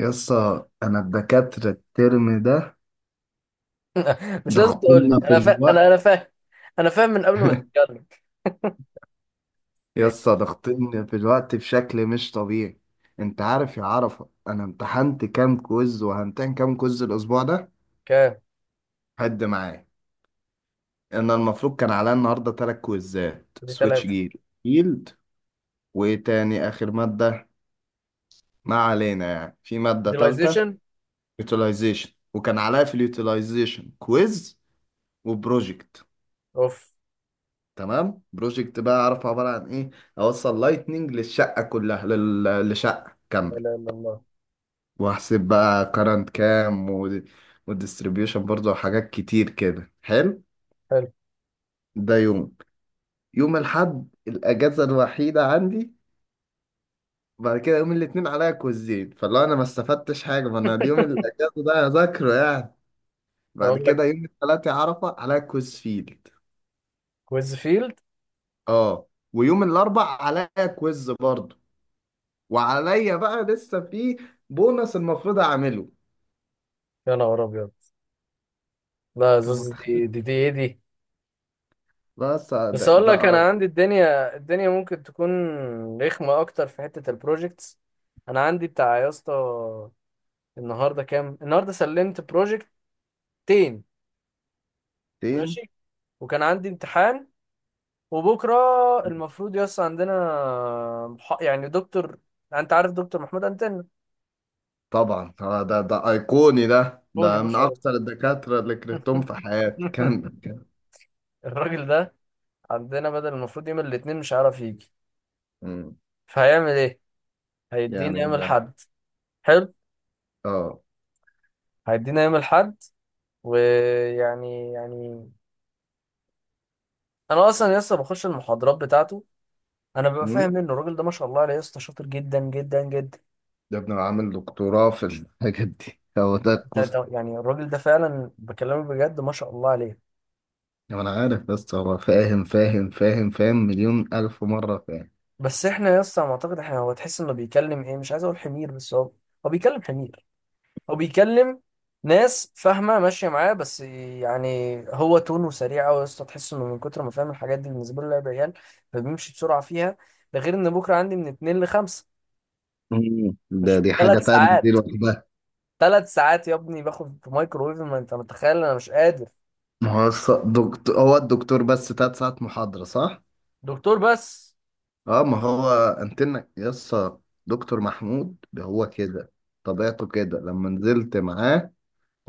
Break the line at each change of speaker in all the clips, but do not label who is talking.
يسا انا الدكاترة الترم ده
مش لازم تقول لي،
ضغطنا في
انا فا... انا
الوقت.
انا فاهم. انا فاهم من قبل ما تتكلم.
يسا ضغطنا في الوقت بشكل مش طبيعي. انت عارف يا عرفة، انا امتحنت كام كويز وهمتحن كام كويز الاسبوع ده؟
كام؟
حد معايا؟ انا المفروض كان عليا النهارده 3 كويزات
دي
سويتش
ثلاثة.
جير فيلد. وايه تاني اخر مادة؟ ما علينا، يعني في مادة تالتة.
Utilization.
يوتيلايزيشن، وكان عليا في اليوتيلايزيشن كويز وبروجكت.
اوف.
تمام، بروجكت بقى اعرف عباره عن ايه. اوصل لايتنينج للشقه كلها، لشقه
لا
كامله.
اله الا الله.
واحسب بقى كارنت كام والديستريبيوشن برضه وحاجات كتير كده حلو.
حلو.
ده يوم، يوم الحد الاجازه الوحيده عندي. بعد كده يوم الاثنين عليا كوزين، فاللي انا ما استفدتش حاجه، ما انا اليوم الاجازه ده هذاكره يعني. بعد
اقول لك،
كده يوم الثلاثة عرفه عليا كويز فيلد.
كويز فيلد.
اه. ويوم الاربع عليا كويز برضه. وعليا بقى لسه في بونص المفروض اعمله.
يا نهار ابيض. لا
انت
زوز،
متخيل؟
دي ايه دي؟
بس ده
بس اقول لك،
ده
انا عندي الدنيا ممكن تكون رخمة اكتر في حتة البروجكتس. انا عندي بتاع يا اسطى، النهارده كام؟ النهارده سلمت بروجكتين. ماشي.
ايقونتين.
وكان عندي امتحان وبكرة المفروض يس عندنا يعني دكتور. انت عارف دكتور محمود انتن؟
طبعا آه، ده ايقوني، ده
بوني
ده من
مش عارف.
اكثر الدكاتره اللي كرهتهم في حياتي. كان كان
الراجل ده عندنا بدل المفروض يوم الاثنين مش عارف يجي.
مم.
فهيعمل ايه؟ هيدينا يوم
يعمل ده.
الاحد. حلو.
اه.
هيدينا يوم الاحد. ويعني انا اصلا لسه بخش المحاضرات بتاعته. انا ببقى
مم.
فاهم منه. الراجل ده ما شاء الله عليه يا اسطى، شاطر جدا جدا جدا.
ده ابن عامل دكتوراه في الحاجات دي، هو ده القصه.
يعني الراجل ده فعلا بكلمك بجد ما شاء الله عليه.
انا عارف، بس هو فاهم فاهم فاهم فاهم مليون الف مره فاهم.
بس احنا يا اسطى على ما اعتقد احنا، هو تحس انه بيكلم ايه، مش عايز اقول حمير، بس هو هو بيكلم حمير. هو بيكلم ناس فاهمه ماشيه معاه، بس يعني هو تونه سريع قوي يا اسطى. تحس انه من كتر ما فاهم الحاجات دي بالنسبه له لعب عيال، فبيمشي بسرعه فيها. ده غير ان بكره عندي من اتنين لخمسة.
مم. ده
مش
دي حاجه
ثلاث
تانية، دي
ساعات؟
لوحدها.
ثلاث ساعات يا ابني باخد في مايكرويف، ما انت متخيل، انا مش قادر.
ما هو دكتور، هو الدكتور بس 3 ساعات محاضره، صح؟
دكتور بس.
اه، ما هو انتنا يسا. دكتور محمود هو كده، طبيعته كده لما نزلت معاه.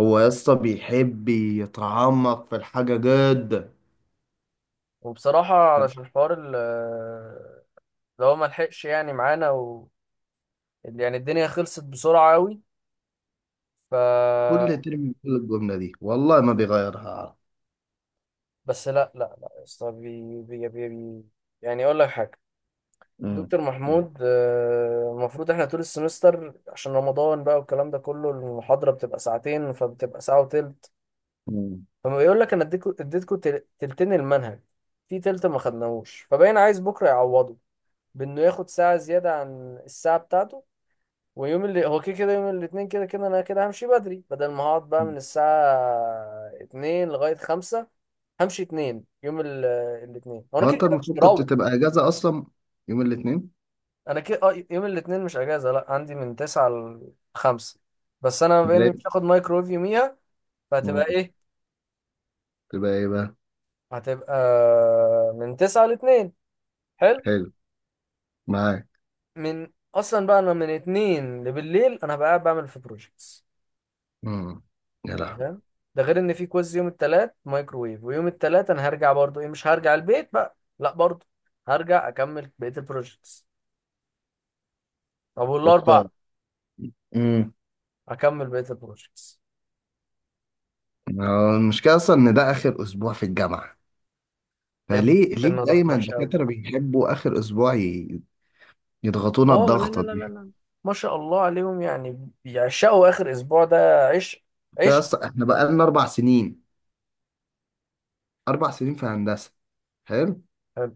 هو يسا بيحب يتعمق في الحاجة جدا.
وبصراحه علشان الحوار اللي هو ما لحقش يعني معانا يعني الدنيا خلصت بسرعه قوي. ف
كل ترم بيقول الجملة دي، والله ما بيغيرها، عارف.
بس، لا لا لا يا اسطى، بي بي بي بي يعني اقول لك حاجه.
مم.
دكتور محمود، المفروض احنا طول السمستر عشان رمضان بقى والكلام ده كله المحاضره بتبقى ساعتين، فبتبقى ساعه وتلت.
مم.
فما بيقول لك انا اديتكم تلتين المنهج، في تلت ما خدناهوش. فباين عايز بكره يعوضه بانه ياخد ساعه زياده عن الساعه بتاعته. ويوم اللي هو كده كده يوم الاثنين كده كده انا كده همشي بدري، بدل ما هقعد بقى من الساعه 2 لغايه 5. همشي اتنين، يوم الاتنين هو انا
هو
كده
انت
كده مش
المفروض كنت
مروح.
تبقى اجازة اصلا يوم الاثنين.
انا كده، اه، يوم الاتنين مش اجازه، لا عندي من تسعة لخمسة، بس انا بما
امال
اني مش
إيه؟
هاخد مايكرويف يوميها فهتبقى
مم.
ايه؟
تبقى ايه بقى.
هتبقى من تسعة لاتنين. حلو.
حلو، معاك.
من اصلا بقى انا من اتنين لبالليل انا هبقى قاعد بعمل في بروجيكتس.
امم، يا
أنت
لهوي.
فاهم؟ ده غير ان في كويز يوم التلات مايكرويف، ويوم التلات انا هرجع برضو، ايه مش هرجع البيت بقى لا، برضو هرجع اكمل بقيه البروجيكتس. طب والاربع
يسطا. مم.
اكمل بقيه البروجيكتس.
هو المشكلة اصلا ان ده اخر اسبوع في الجامعة،
يا ابني
فليه
استنى، ضغط
دايما
وحش قوي.
الدكاترة بيحبوا آخر أسبوع يضغطونا
اه، لا لا
الضغطة
لا لا
دي؟
لا، ما شاء الله عليهم يعني بيعشقوا اخر اسبوع ده عشق. عشق.
بس احنا بقالنا 4 سنين، 4 سنين في هندسة، حلو.
حلو.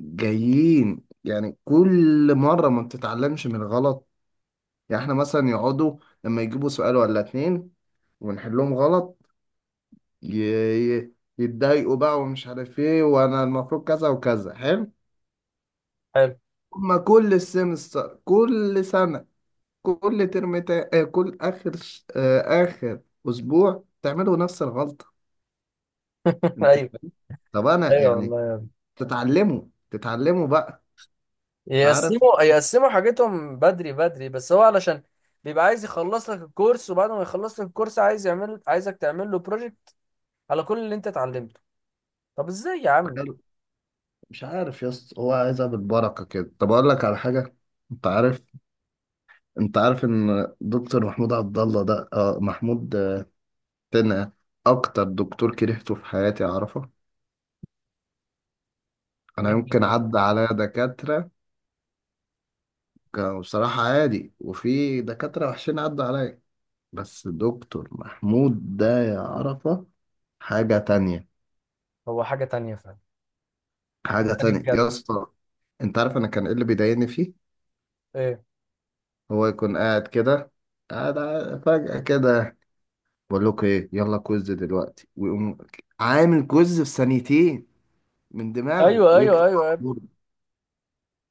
جايين يعني كل مرة ما بتتعلمش من الغلط. يعني احنا مثلا يقعدوا لما يجيبوا سؤال ولا اتنين ونحلهم غلط، ي- ي- يتضايقوا بقى، ومش عارف ايه، وانا المفروض كذا وكذا، حلو.
حلو.
هما كل السمستر، كل سنة، كل ترم تا... آه، كل اخر اخر اسبوع تعملوا نفس الغلطه. انت،
ايوه.
طب انا
ايوه
يعني
والله يا ابني،
تتعلموا، تتعلموا بقى. انت عارف.
يقسموا حاجتهم بدري بدري، بس هو علشان بيبقى عايز يخلص لك الكورس، وبعد ما يخلص لك الكورس عايز يعمل، عايزك تعمل له بروجكت على كل اللي انت اتعلمته. طب ازاي يا عم؟
مش عارف يا اسطى، هو عايزها بالبركه كده. طب اقول لك على حاجه، انت عارف انت عارف ان دكتور محمود عبد الله ده محمود، تنقه. اكتر دكتور كرهته في حياتي، اعرفه. انا
ليه
يمكن
كده؟
عدى عليا دكاتره كانوا بصراحه عادي، وفي دكاتره وحشين عدى عليا، بس دكتور محمود ده يا عرفة حاجة تانية،
هو حاجة تانية فعلا. حاجة
حاجة
تانية
تانية
بجد.
يا اسطى. انت عارف انا كان ايه اللي بيضايقني فيه؟
ايه؟
هو يكون قاعد كده، قاعد فجأة كده بقول لكم ايه، يلا كويز دلوقتي، ويقوم عامل كويز في 2 ثانية من دماغه
ايوه
ويكتب
ايوه
على
ايوه يا ابني.
البورد.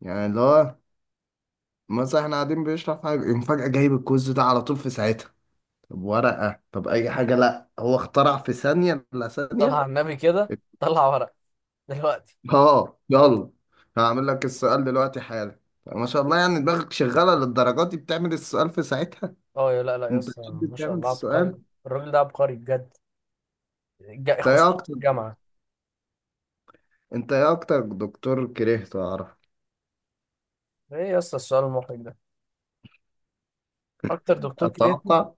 يعني اللي هو مثلا احنا قاعدين بيشرح حاجة، يقوم فجأة جايب الكويز ده على طول في ساعتها. طب ورقة، طب أي حاجة، لأ هو اخترع في ثانية إلا
طلع
ثانية.
على النبي كده طلع ورق دلوقتي.
اه يلا، هعمل لك السؤال دلوقتي حالا. ما شاء الله، يعني دماغك شغالة للدرجات دي، بتعمل السؤال في ساعتها.
اه لا لا يا
انت
اسطى،
بتحب
ما شاء
بتعمل
الله عبقري.
السؤال.
الراجل ده عبقري بجد،
انت ايه
خصوصا في
اكتر
الجامعة.
انت ايه اكتر دكتور كرهته اعرف.
ايه يا اسطى السؤال المحرج ده؟ اكتر دكتور كرهتني؟
اتوقع،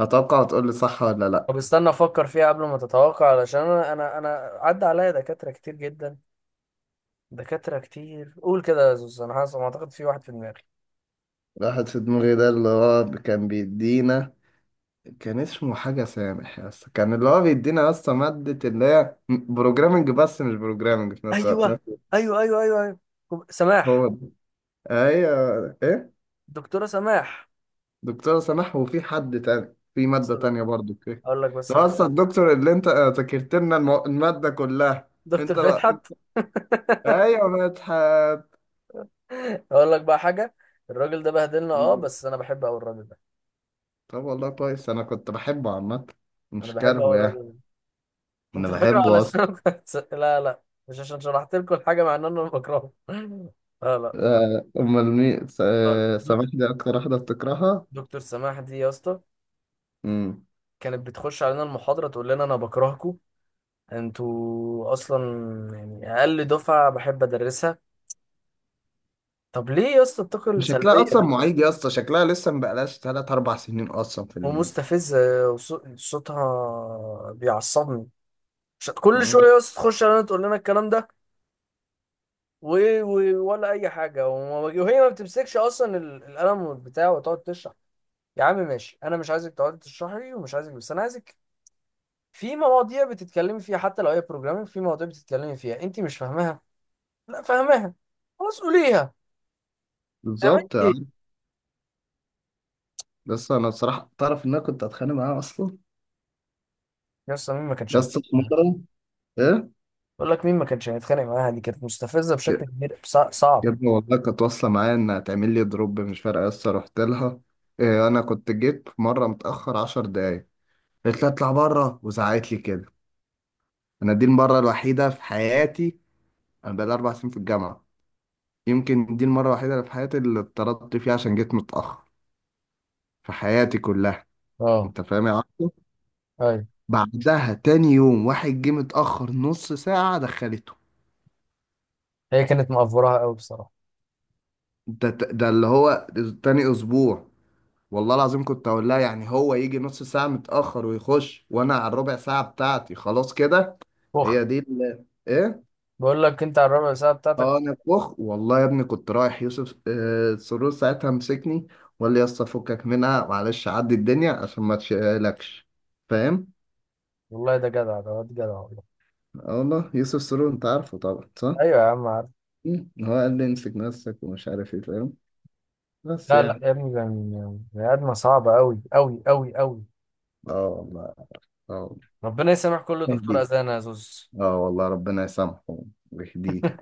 اتوقع هتقول لي صح ولا
طب
لا.
استنى افكر فيها قبل ما تتوقع، علشان انا، انا عدى عليا دكاترة كتير جدا. دكاترة كتير، قول كده يا زوز، انا حاسس ما اعتقد في واحد في دماغي.
واحد في دماغي، ده اللي هو كان بيدينا، كان اسمه حاجة سامح يا اسطى، كان اللي هو بيدينا يا اسطى مادة اللي هي بروجرامنج، بس مش بروجرامنج في نفس الوقت،
ايوه ايوه ايوه ايوه ايوه، سماح.
هو ده، ايوه ايه.
دكتورة سماح.
دكتورة سماح، وفي حد تاني في مادة تانية برضو كده.
اقول لك بس
ده أصلا
حاجة.
الدكتور اللي أنت ذاكرت لنا المادة كلها.
دكتور
أنت، لا،
فتحت.
أيوة مدحت.
اقول لك بقى حاجة، الراجل ده بهدلنا، اه، بس انا بحب قوي الراجل ده.
طب والله كويس، أنا كنت بحبه عامة،
انا
مش
بحب قوي
كارهه يعني.
الراجل ده.
أنا
انت فاكره
بحبه
علشان
أصلا.
أنا كنت لا لا، مش عشان شرحت لكم الحاجه، مع ان انا بكرهه. لا. لا.
أمال مين
لا لا.
سماح
دكتور،
دي أكتر واحدة بتكرهها.
دكتور سماح دي يا اسطى
مم.
كانت بتخش علينا المحاضره تقول لنا انا بكرهكم، انتوا اصلا يعني اقل دفعه بحب ادرسها. طب ليه يا اسطى الطاقه
شكلها
السلبيه
أصلا
دي؟
معيد يا اسطى، شكلها لسه مبقالهاش تلات أربع سنين أصلا
ومستفزه، وص- صوتها بيعصبني. كل شويه يا اسطى تخش علينا تقول لنا الكلام ده، و... ولا اي حاجه، وهي ما بتمسكش اصلا القلم بتاعه وتقعد تشرح. يا عم ماشي، انا مش عايزك تقعدي تشرحي لي، ومش عايزك، بس انا عايزك في مواضيع بتتكلمي فيها حتى لو هي بروجرامينج، في مواضيع بتتكلمي فيها انت مش فاهماها، لا فاهماها، خلاص قوليها، تعملي
بالظبط يعني.
ايه؟
بس أنا بصراحة تعرف إن أنا كنت أتخانق معاها أصلا.
يا اسطى مين ما كانش
يا
هيتخانق
اسطى في
معاها؟
مرة، إيه؟
بقول لك مين ما كانش هيتخانق معاها، دي كانت مستفزه بشكل
يا
كبير، صع-
يا
صعب
ابني والله كانت واصلة معايا إنها تعمل لي دروب مش فارقة، لسه رحت لها. إيه، أنا كنت جيت في مرة متأخر 10 دقايق، قالت لي أطلع بره وزعقت لي كده. أنا دي المرة الوحيدة في حياتي، أنا بقالي 4 سنين في الجامعة، يمكن دي المرة الوحيدة اللي في حياتي اللي اتطردت فيها عشان جيت متأخر في حياتي كلها.
اه.
أنت فاهم يا عبده؟
ايوه.
بعدها تاني يوم واحد جه متأخر نص ساعة دخلته.
هي كانت مقفوراها قوي بصراحه.
ده اللي هو تاني أسبوع. والله العظيم كنت اقول لها، يعني هو يجي نص ساعة متأخر ويخش، وانا على الربع ساعة بتاعتي خلاص كده. هي
فخر.
دي ايه.
بقول لك انت على الربع ساعه
اه
بتاعتك.
انا فخ، والله يا ابني كنت رايح يوسف سرور، ساعتها مسكني وقال لي يا اسطى فكك منها، معلش عدي الدنيا عشان ما تشيلكش، فاهم.
والله ده جدع، ده واد جدع والله.
اه والله، يوسف سرور انت عارفه طبعا صح.
ايوه يا عم عارف.
مم. هو قال لي امسك نفسك ومش عارف ايه، فاهم، بس
لا لا
يعني.
يا ابني، ده بني ادمه صعبه قوي قوي قوي قوي.
اه والله. اه والله.
ربنا يسامح كل دكتور
يهديه.
اذانه يا زوز.
اه والله، ربنا يسامحه ويهديه.